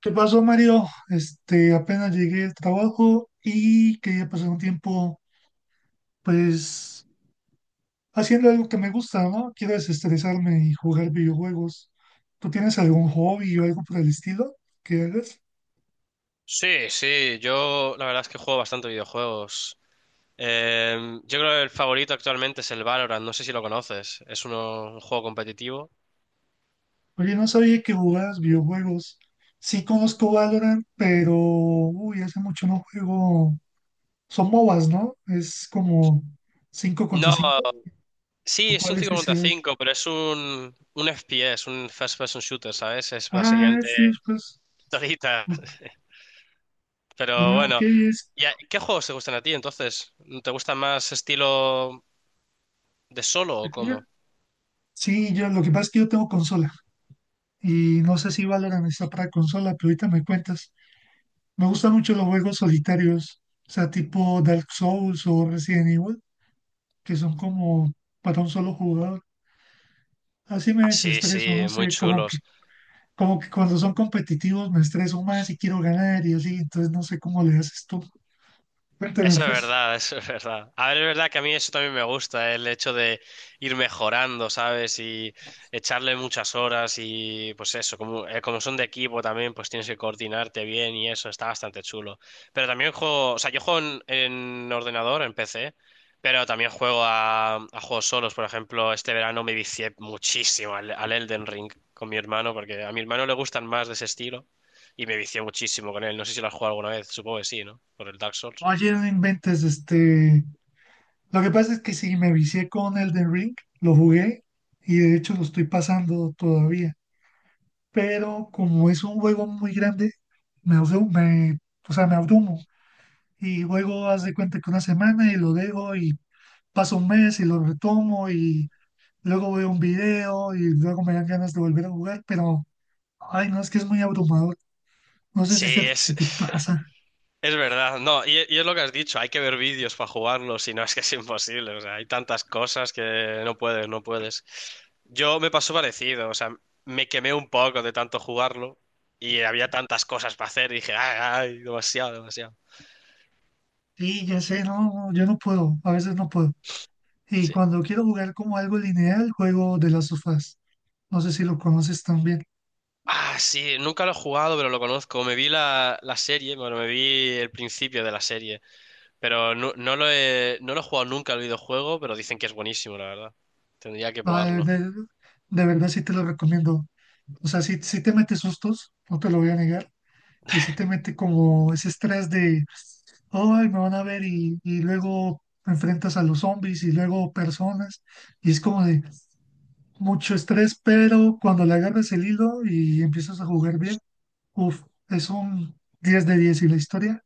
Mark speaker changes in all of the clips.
Speaker 1: ¿Qué pasó, Mario? Apenas llegué del trabajo y quería pasar un tiempo, pues, haciendo algo que me gusta, ¿no? Quiero desestresarme y jugar videojuegos. ¿Tú tienes algún hobby o algo por el estilo que hagas?
Speaker 2: Sí, sí, yo la verdad es que juego bastante videojuegos. Eh, yo creo que el favorito actualmente es el Valorant, no sé si lo conoces, es un juego competitivo.
Speaker 1: Oye, no sabía que jugabas videojuegos. Sí conozco Valorant, pero, uy, hace mucho no juego. Son MOBAs, ¿no? Es como 5 contra
Speaker 2: No,
Speaker 1: cinco.
Speaker 2: sí,
Speaker 1: ¿O
Speaker 2: es
Speaker 1: ¿Cuál
Speaker 2: un
Speaker 1: es
Speaker 2: 5 contra
Speaker 1: ese?
Speaker 2: 5, pero es un FPS, un first person shooter, ¿sabes? Es
Speaker 1: Ah, sí,
Speaker 2: básicamente
Speaker 1: pues.
Speaker 2: solita.
Speaker 1: Ok.
Speaker 2: Pero
Speaker 1: Ah, ok.
Speaker 2: bueno,
Speaker 1: es.
Speaker 2: ¿y qué juegos te gustan a ti entonces? ¿Te gusta más estilo de solo o cómo?
Speaker 1: Sí, yo lo que pasa es que yo tengo consola y no sé si Valorant está para consola, pero ahorita me cuentas. Me gustan mucho los juegos solitarios, o sea, tipo Dark Souls o Resident Evil, que son como para un solo jugador. Así me
Speaker 2: Ah, sí,
Speaker 1: desestreso,
Speaker 2: sí,
Speaker 1: no
Speaker 2: muy
Speaker 1: sé, como que,
Speaker 2: chulos.
Speaker 1: como que cuando son competitivos me estreso más y quiero ganar y así, entonces no sé cómo le haces tú. Cuéntame
Speaker 2: Eso es
Speaker 1: pues.
Speaker 2: verdad, eso es verdad. A ver, es verdad que a mí eso también me gusta, ¿eh? El hecho de ir mejorando, ¿sabes? Y echarle muchas horas y pues eso, como, como son de equipo también, pues tienes que coordinarte bien y eso, está bastante chulo. Pero también juego, o sea, yo juego en ordenador, en PC, pero también juego a juegos solos. Por ejemplo, este verano me vicié muchísimo al Elden Ring con mi hermano, porque a mi hermano le gustan más de ese estilo y me vicié muchísimo con él. No sé si lo has jugado alguna vez, supongo que sí, ¿no? Por el Dark Souls.
Speaker 1: Oye, no inventes. Lo que pasa es que sí, me vicié con Elden Ring, lo jugué y de hecho lo estoy pasando todavía. Pero como es un juego muy grande, me, abru- me, o sea, me abrumo y luego haz de cuenta que una semana y lo dejo y paso un mes y lo retomo y luego veo un video y luego me dan ganas de volver a jugar, pero, ay, no, es que es muy abrumador. No sé
Speaker 2: Sí,
Speaker 1: si, se- si te pasa.
Speaker 2: es verdad. No, y es lo que has dicho, hay que ver vídeos para jugarlo, si no es que es imposible. O sea, hay tantas cosas que no puedes, no puedes. Yo me pasó parecido, o sea, me quemé un poco de tanto jugarlo y había tantas cosas para hacer y dije, ay, ay, demasiado, demasiado.
Speaker 1: Sí ya sé, no, no, yo no puedo, a veces no puedo. Y
Speaker 2: Sí.
Speaker 1: cuando quiero jugar como algo lineal, juego de las sofás. No sé si lo conoces también.
Speaker 2: Ah, sí, nunca lo he jugado, pero lo conozco. Me vi la serie, bueno, me vi el principio de la serie, pero no, no lo he, no lo he jugado nunca el videojuego, pero dicen que es buenísimo, la verdad. Tendría que
Speaker 1: Ah,
Speaker 2: probarlo.
Speaker 1: de verdad sí te lo recomiendo. O sea, sí, sí te mete sustos, no te lo voy a negar. Y sí te mete como ese estrés de, ay, me van a ver y luego enfrentas a los zombies y luego personas. Y es como de mucho estrés, pero cuando le agarras el hilo y empiezas a jugar bien, uff, es un 10 de 10 y la historia,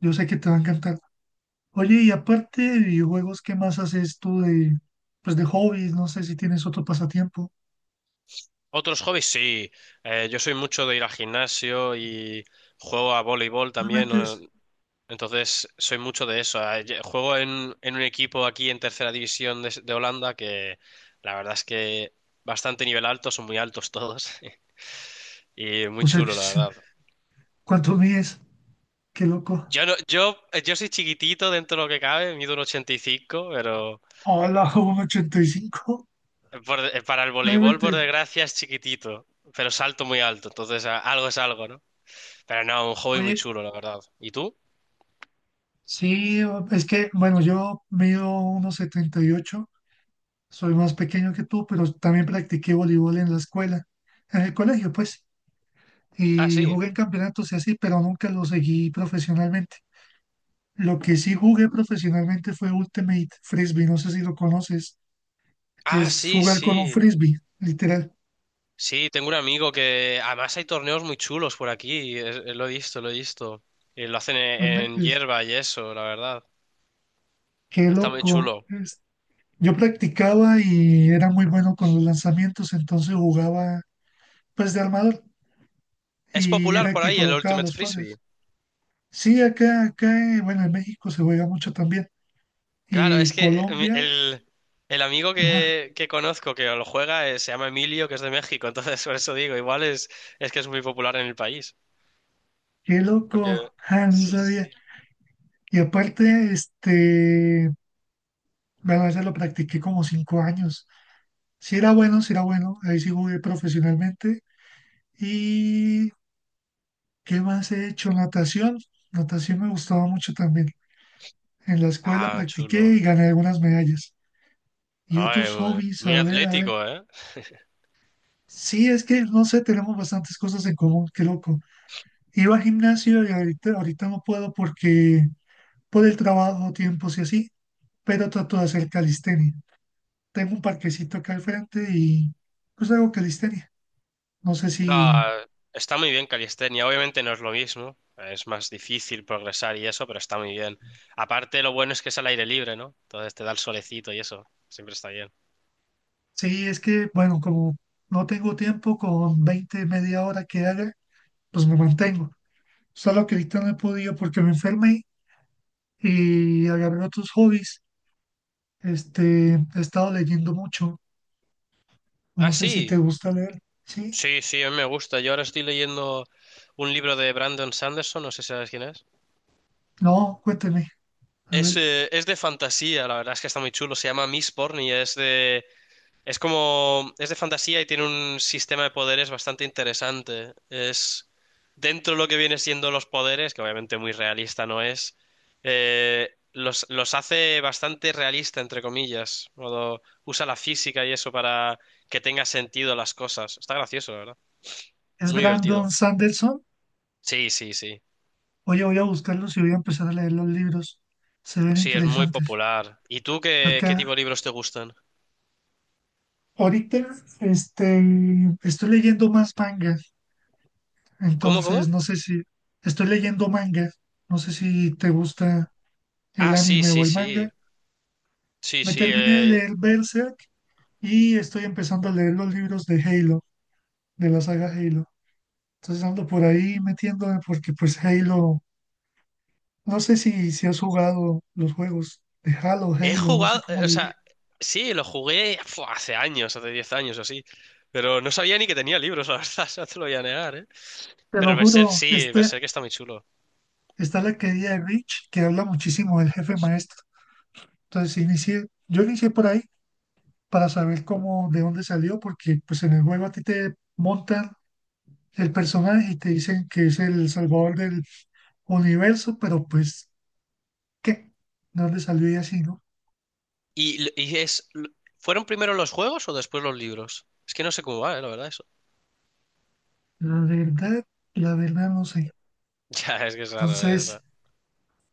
Speaker 1: yo sé que te va a encantar. Oye, y aparte de videojuegos, ¿qué más haces tú pues de hobbies? No sé si tienes otro pasatiempo.
Speaker 2: Otros hobbies, sí. Yo soy mucho de ir al gimnasio y juego a voleibol
Speaker 1: No me
Speaker 2: también.
Speaker 1: mentes.
Speaker 2: Entonces, soy mucho de eso. Juego en un equipo aquí en tercera división de Holanda que la verdad es que bastante nivel alto, son muy altos todos y
Speaker 1: O
Speaker 2: muy
Speaker 1: sea,
Speaker 2: chulo, la verdad.
Speaker 1: ¿cuánto mides? Qué loco.
Speaker 2: Yo no, yo, yo soy chiquitito dentro de lo que cabe, mido un 85, pero
Speaker 1: Hola, un 85.
Speaker 2: para el
Speaker 1: No
Speaker 2: voleibol, por
Speaker 1: inventes.
Speaker 2: desgracia, es chiquitito, pero salto muy alto, entonces algo es algo, ¿no? Pero no, un hobby muy
Speaker 1: Oye,
Speaker 2: chulo, la verdad. ¿Y tú?
Speaker 1: sí, es que, bueno, yo mido 1,78. Soy más pequeño que tú, pero también practiqué voleibol en la escuela, en el colegio, pues,
Speaker 2: Ah,
Speaker 1: y
Speaker 2: sí.
Speaker 1: jugué en campeonatos y así, pero nunca lo seguí profesionalmente. Lo que sí jugué profesionalmente fue Ultimate Frisbee, no sé si lo conoces, que
Speaker 2: Ah,
Speaker 1: es
Speaker 2: sí,
Speaker 1: jugar con un
Speaker 2: sí.
Speaker 1: frisbee, literal.
Speaker 2: Sí, tengo un amigo que además hay torneos muy chulos por aquí. Lo he visto, lo he visto. Y lo hacen en,
Speaker 1: No
Speaker 2: en
Speaker 1: inventes.
Speaker 2: hierba y eso, la verdad.
Speaker 1: Qué
Speaker 2: Está muy
Speaker 1: loco.
Speaker 2: chulo.
Speaker 1: Yo practicaba y era muy bueno con los lanzamientos, entonces jugaba pues de armador
Speaker 2: Es
Speaker 1: y era
Speaker 2: popular
Speaker 1: el
Speaker 2: por
Speaker 1: que
Speaker 2: ahí el
Speaker 1: colocaba
Speaker 2: Ultimate
Speaker 1: los
Speaker 2: Frisbee.
Speaker 1: pases. Sí, acá, acá, bueno, en México se juega mucho también.
Speaker 2: Claro, es
Speaker 1: Y
Speaker 2: que
Speaker 1: Colombia,
Speaker 2: el amigo
Speaker 1: ajá,
Speaker 2: que conozco que lo juega se llama Emilio, que es de México. Entonces, por eso digo, igual es que es muy popular en el país.
Speaker 1: qué
Speaker 2: Porque...
Speaker 1: loco, ah, no
Speaker 2: Sí, sí.
Speaker 1: sabía. Y aparte, bueno, ya lo practiqué como 5 años. Sí era bueno, ahí sí jugué profesionalmente. ¿Y qué más he hecho? Natación, natación me gustaba mucho también. En la escuela
Speaker 2: Ah,
Speaker 1: practiqué y
Speaker 2: chulo.
Speaker 1: gané algunas medallas. Y
Speaker 2: Ay,
Speaker 1: otros
Speaker 2: muy
Speaker 1: hobbies,
Speaker 2: muy
Speaker 1: a ver, a ver.
Speaker 2: atlético, ¿eh?
Speaker 1: Sí, es que no sé, tenemos bastantes cosas en común, qué loco. Iba al gimnasio y ahorita no puedo porque por el trabajo, tiempos y así, pero trato de hacer calistenia. Tengo un parquecito acá al frente y pues hago calistenia. No sé
Speaker 2: No,
Speaker 1: si,
Speaker 2: está muy bien calistenia. Obviamente no es lo mismo. Es más difícil progresar y eso, pero está muy bien. Aparte, lo bueno es que es al aire libre, ¿no? Entonces te da el solecito y eso. Siempre está bien.
Speaker 1: sí, es que, bueno, como no tengo tiempo, con 20 media hora que haga, pues me mantengo. Solo que ahorita no he podido porque me enfermé y agarré otros hobbies. He estado leyendo mucho. No
Speaker 2: Ah,
Speaker 1: sé si te
Speaker 2: sí.
Speaker 1: gusta leer. Sí,
Speaker 2: Sí, sí, a mí me gusta. Yo ahora estoy leyendo un libro de Brandon Sanderson. No sé si sabes quién es.
Speaker 1: no, cuénteme. A ver,
Speaker 2: Es de fantasía, la verdad es que está muy chulo. Se llama Mistborn y es de... Es como, es de fantasía y tiene un sistema de poderes bastante interesante. Es, dentro de lo que viene siendo los poderes, que obviamente muy realista no es, los hace bastante realista, entre comillas. Modo, usa la física y eso para que tenga sentido las cosas. Está gracioso, la verdad.
Speaker 1: ¿es
Speaker 2: Muy
Speaker 1: Brandon
Speaker 2: divertido.
Speaker 1: Sanderson?
Speaker 2: Sí, sí, sí.
Speaker 1: Oye, voy a buscarlos y voy a empezar a leer los libros. Se ven
Speaker 2: Sí, es muy
Speaker 1: interesantes.
Speaker 2: popular. ¿Y tú qué, qué tipo de
Speaker 1: Acá,
Speaker 2: libros te gustan?
Speaker 1: ahorita, este, estoy leyendo más manga.
Speaker 2: ¿Cómo,
Speaker 1: Entonces,
Speaker 2: cómo?
Speaker 1: no sé si estoy leyendo manga. No sé si te gusta el
Speaker 2: Ah, sí,
Speaker 1: anime o
Speaker 2: sí,
Speaker 1: el manga.
Speaker 2: sí. Sí,
Speaker 1: Me
Speaker 2: sí.
Speaker 1: terminé de leer Berserk y estoy empezando a leer los libros de Halo, de la saga Halo. Entonces ando por ahí metiéndome porque pues Halo, no sé si, si has jugado los juegos de Halo,
Speaker 2: He
Speaker 1: Halo, no sé
Speaker 2: jugado,
Speaker 1: cómo
Speaker 2: o
Speaker 1: le di.
Speaker 2: sea, sí, lo jugué hace años, hace 10 años o así. Pero no sabía ni que tenía libros, la verdad, no te lo voy a negar, ¿eh?
Speaker 1: Te lo
Speaker 2: Pero Berserk
Speaker 1: juro,
Speaker 2: sí,
Speaker 1: este,
Speaker 2: Berserk está muy chulo.
Speaker 1: está la querida de Rich que habla muchísimo del jefe maestro. Entonces yo inicié por ahí para saber cómo, de dónde salió, porque pues en el juego a ti te montan el personaje y te dicen que es el salvador del universo, pero pues, ¿qué? ¿De dónde salió y así, no?
Speaker 2: ¿Y, l- y es, l- Fueron primero los juegos o después los libros? Es que no sé cómo va, ¿eh? La verdad, eso.
Speaker 1: La verdad, la verdad no sé.
Speaker 2: Ya, es que es raro
Speaker 1: Entonces...
Speaker 2: eso.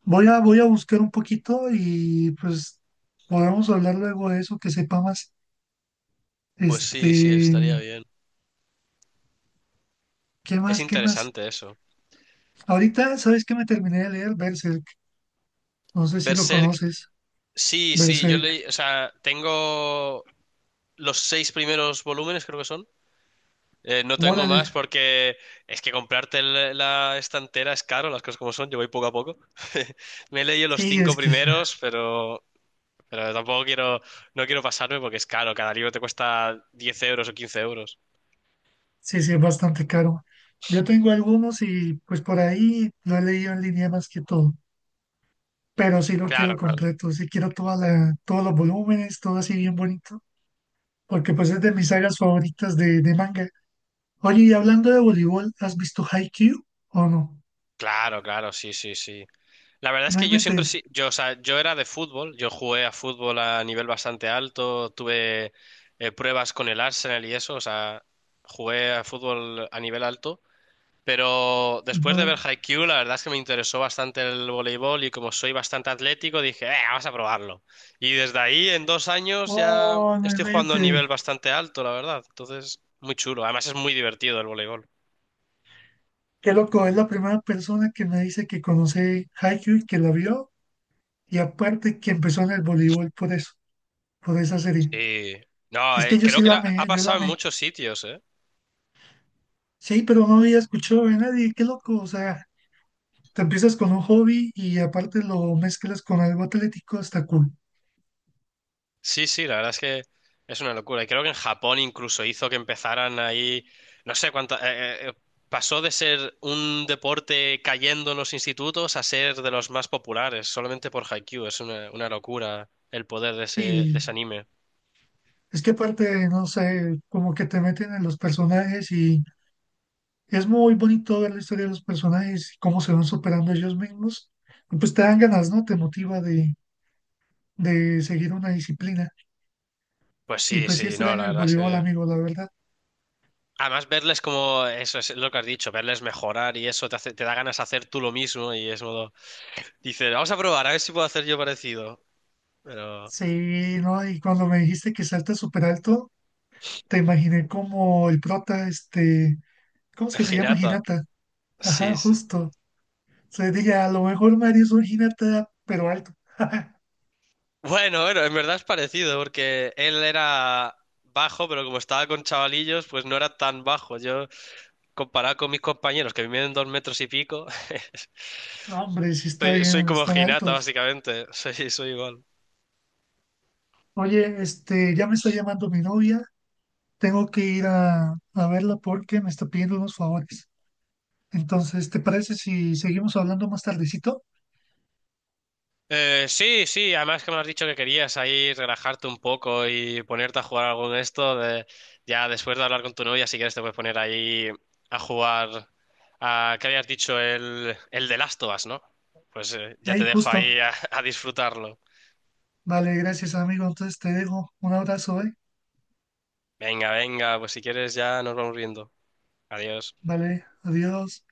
Speaker 1: Voy a buscar un poquito y pues podemos hablar luego de eso, que sepa más.
Speaker 2: Pues
Speaker 1: Este,
Speaker 2: sí, sí, estaría bien.
Speaker 1: ¿qué
Speaker 2: Es
Speaker 1: más? ¿Qué más?
Speaker 2: interesante eso.
Speaker 1: Ahorita, ¿sabes qué me terminé de leer? Berserk. No sé si lo
Speaker 2: Berserk,
Speaker 1: conoces.
Speaker 2: sí, sí, yo
Speaker 1: Berserk.
Speaker 2: leí, o sea, tengo los seis primeros volúmenes, creo que son. No tengo
Speaker 1: Órale.
Speaker 2: más porque es que comprarte la estantera es caro, las cosas como son, yo voy poco a poco. Me he leído los
Speaker 1: Sí,
Speaker 2: cinco
Speaker 1: es que sí,
Speaker 2: primeros, pero tampoco quiero, no quiero pasarme porque es caro, cada libro te cuesta 10 euros o 15 euros.
Speaker 1: sí, sí, es bastante caro. Yo tengo algunos y pues por ahí lo he leído en línea más que todo. Pero sí lo quiero
Speaker 2: Claro, claro.
Speaker 1: completo, sí quiero todos los volúmenes, todo así bien bonito, porque pues es de mis sagas favoritas de manga. Oye, y hablando de voleibol, ¿has visto Haikyuu o no?
Speaker 2: Claro, claro, sí, sí, sí. La verdad es
Speaker 1: No
Speaker 2: que yo siempre
Speaker 1: inventes.
Speaker 2: sí, yo, o sea, yo era de fútbol, yo jugué a fútbol a nivel bastante alto, tuve pruebas con el Arsenal y eso, o sea, jugué a fútbol a nivel alto. Pero después de
Speaker 1: No.
Speaker 2: ver Haikyuu, la verdad es que me interesó bastante el voleibol y como soy bastante atlético, dije, vamos a probarlo. Y desde ahí, en dos años, ya
Speaker 1: Oh, no
Speaker 2: estoy jugando a un
Speaker 1: inventes.
Speaker 2: nivel bastante alto, la verdad. Entonces, muy chulo. Además, es muy divertido el voleibol.
Speaker 1: Qué loco, es la primera persona que me dice que conoce Haikyuu y que la vio. Y aparte que empezó en el voleibol por eso, por esa serie.
Speaker 2: Sí. No,
Speaker 1: Es que yo
Speaker 2: creo
Speaker 1: sí
Speaker 2: que
Speaker 1: la amé,
Speaker 2: ha
Speaker 1: ¿eh? Yo la
Speaker 2: pasado en
Speaker 1: amé.
Speaker 2: muchos sitios, ¿eh?
Speaker 1: Sí, pero no había escuchado de nadie. Qué loco, o sea, te empiezas con un hobby y aparte lo mezclas con algo atlético, está cool.
Speaker 2: Sí, sí, la verdad es que es una locura. Y creo que en Japón incluso hizo que empezaran ahí, no sé cuánto, pasó de ser un deporte cayendo en los institutos a ser de los más populares, solamente por Haikyuu. Es una locura el poder de
Speaker 1: Sí,
Speaker 2: ese anime.
Speaker 1: es que aparte, no sé, como que te meten en los personajes y es muy bonito ver la historia de los personajes y cómo se van superando ellos mismos. Y pues te dan ganas, ¿no? Te motiva de seguir una disciplina.
Speaker 2: Pues
Speaker 1: Y
Speaker 2: sí,
Speaker 1: pues sí
Speaker 2: sí, no,
Speaker 1: extraño
Speaker 2: la
Speaker 1: el
Speaker 2: verdad es
Speaker 1: voleibol,
Speaker 2: que...
Speaker 1: amigo, la verdad.
Speaker 2: Además, verles como, eso es lo que has dicho, verles mejorar y eso te te da ganas de hacer tú lo mismo y es modo, dices, vamos a probar, a ver si puedo hacer yo parecido. Pero,
Speaker 1: Sí, ¿no? Y cuando me dijiste que salta súper alto, te imaginé como el prota, ¿cómo es
Speaker 2: el
Speaker 1: que se llama?
Speaker 2: Hinata,
Speaker 1: Hinata. Ajá,
Speaker 2: sí, sí.
Speaker 1: justo. Se dije, a lo mejor Mario es un Hinata, pero alto.
Speaker 2: Bueno, bueno, en verdad es parecido, porque él era bajo, pero como estaba con chavalillos, pues no era tan bajo. Yo, comparado con mis compañeros, que miden dos metros y pico,
Speaker 1: No, hombre, sí está
Speaker 2: soy, soy
Speaker 1: bien,
Speaker 2: como
Speaker 1: están
Speaker 2: Hinata,
Speaker 1: altos.
Speaker 2: básicamente. Soy, soy igual.
Speaker 1: Oye, ya me está llamando mi novia. Tengo que ir a verla porque me está pidiendo unos favores. Entonces, ¿te parece si seguimos hablando más tardecito?
Speaker 2: Sí, sí, además que me has dicho que querías ahí relajarte un poco y ponerte a jugar algo en esto. Ya después de hablar con tu novia, si quieres, te puedes poner ahí a jugar a, ¿qué habías dicho? El de Last of Us, ¿no? Pues ya te
Speaker 1: Hey,
Speaker 2: dejo
Speaker 1: justo.
Speaker 2: ahí a disfrutarlo.
Speaker 1: Vale, gracias, amigo. Entonces te dejo. Un abrazo, ¿eh?
Speaker 2: Venga, venga, pues si quieres ya nos vamos viendo. Adiós.
Speaker 1: Vale, adiós.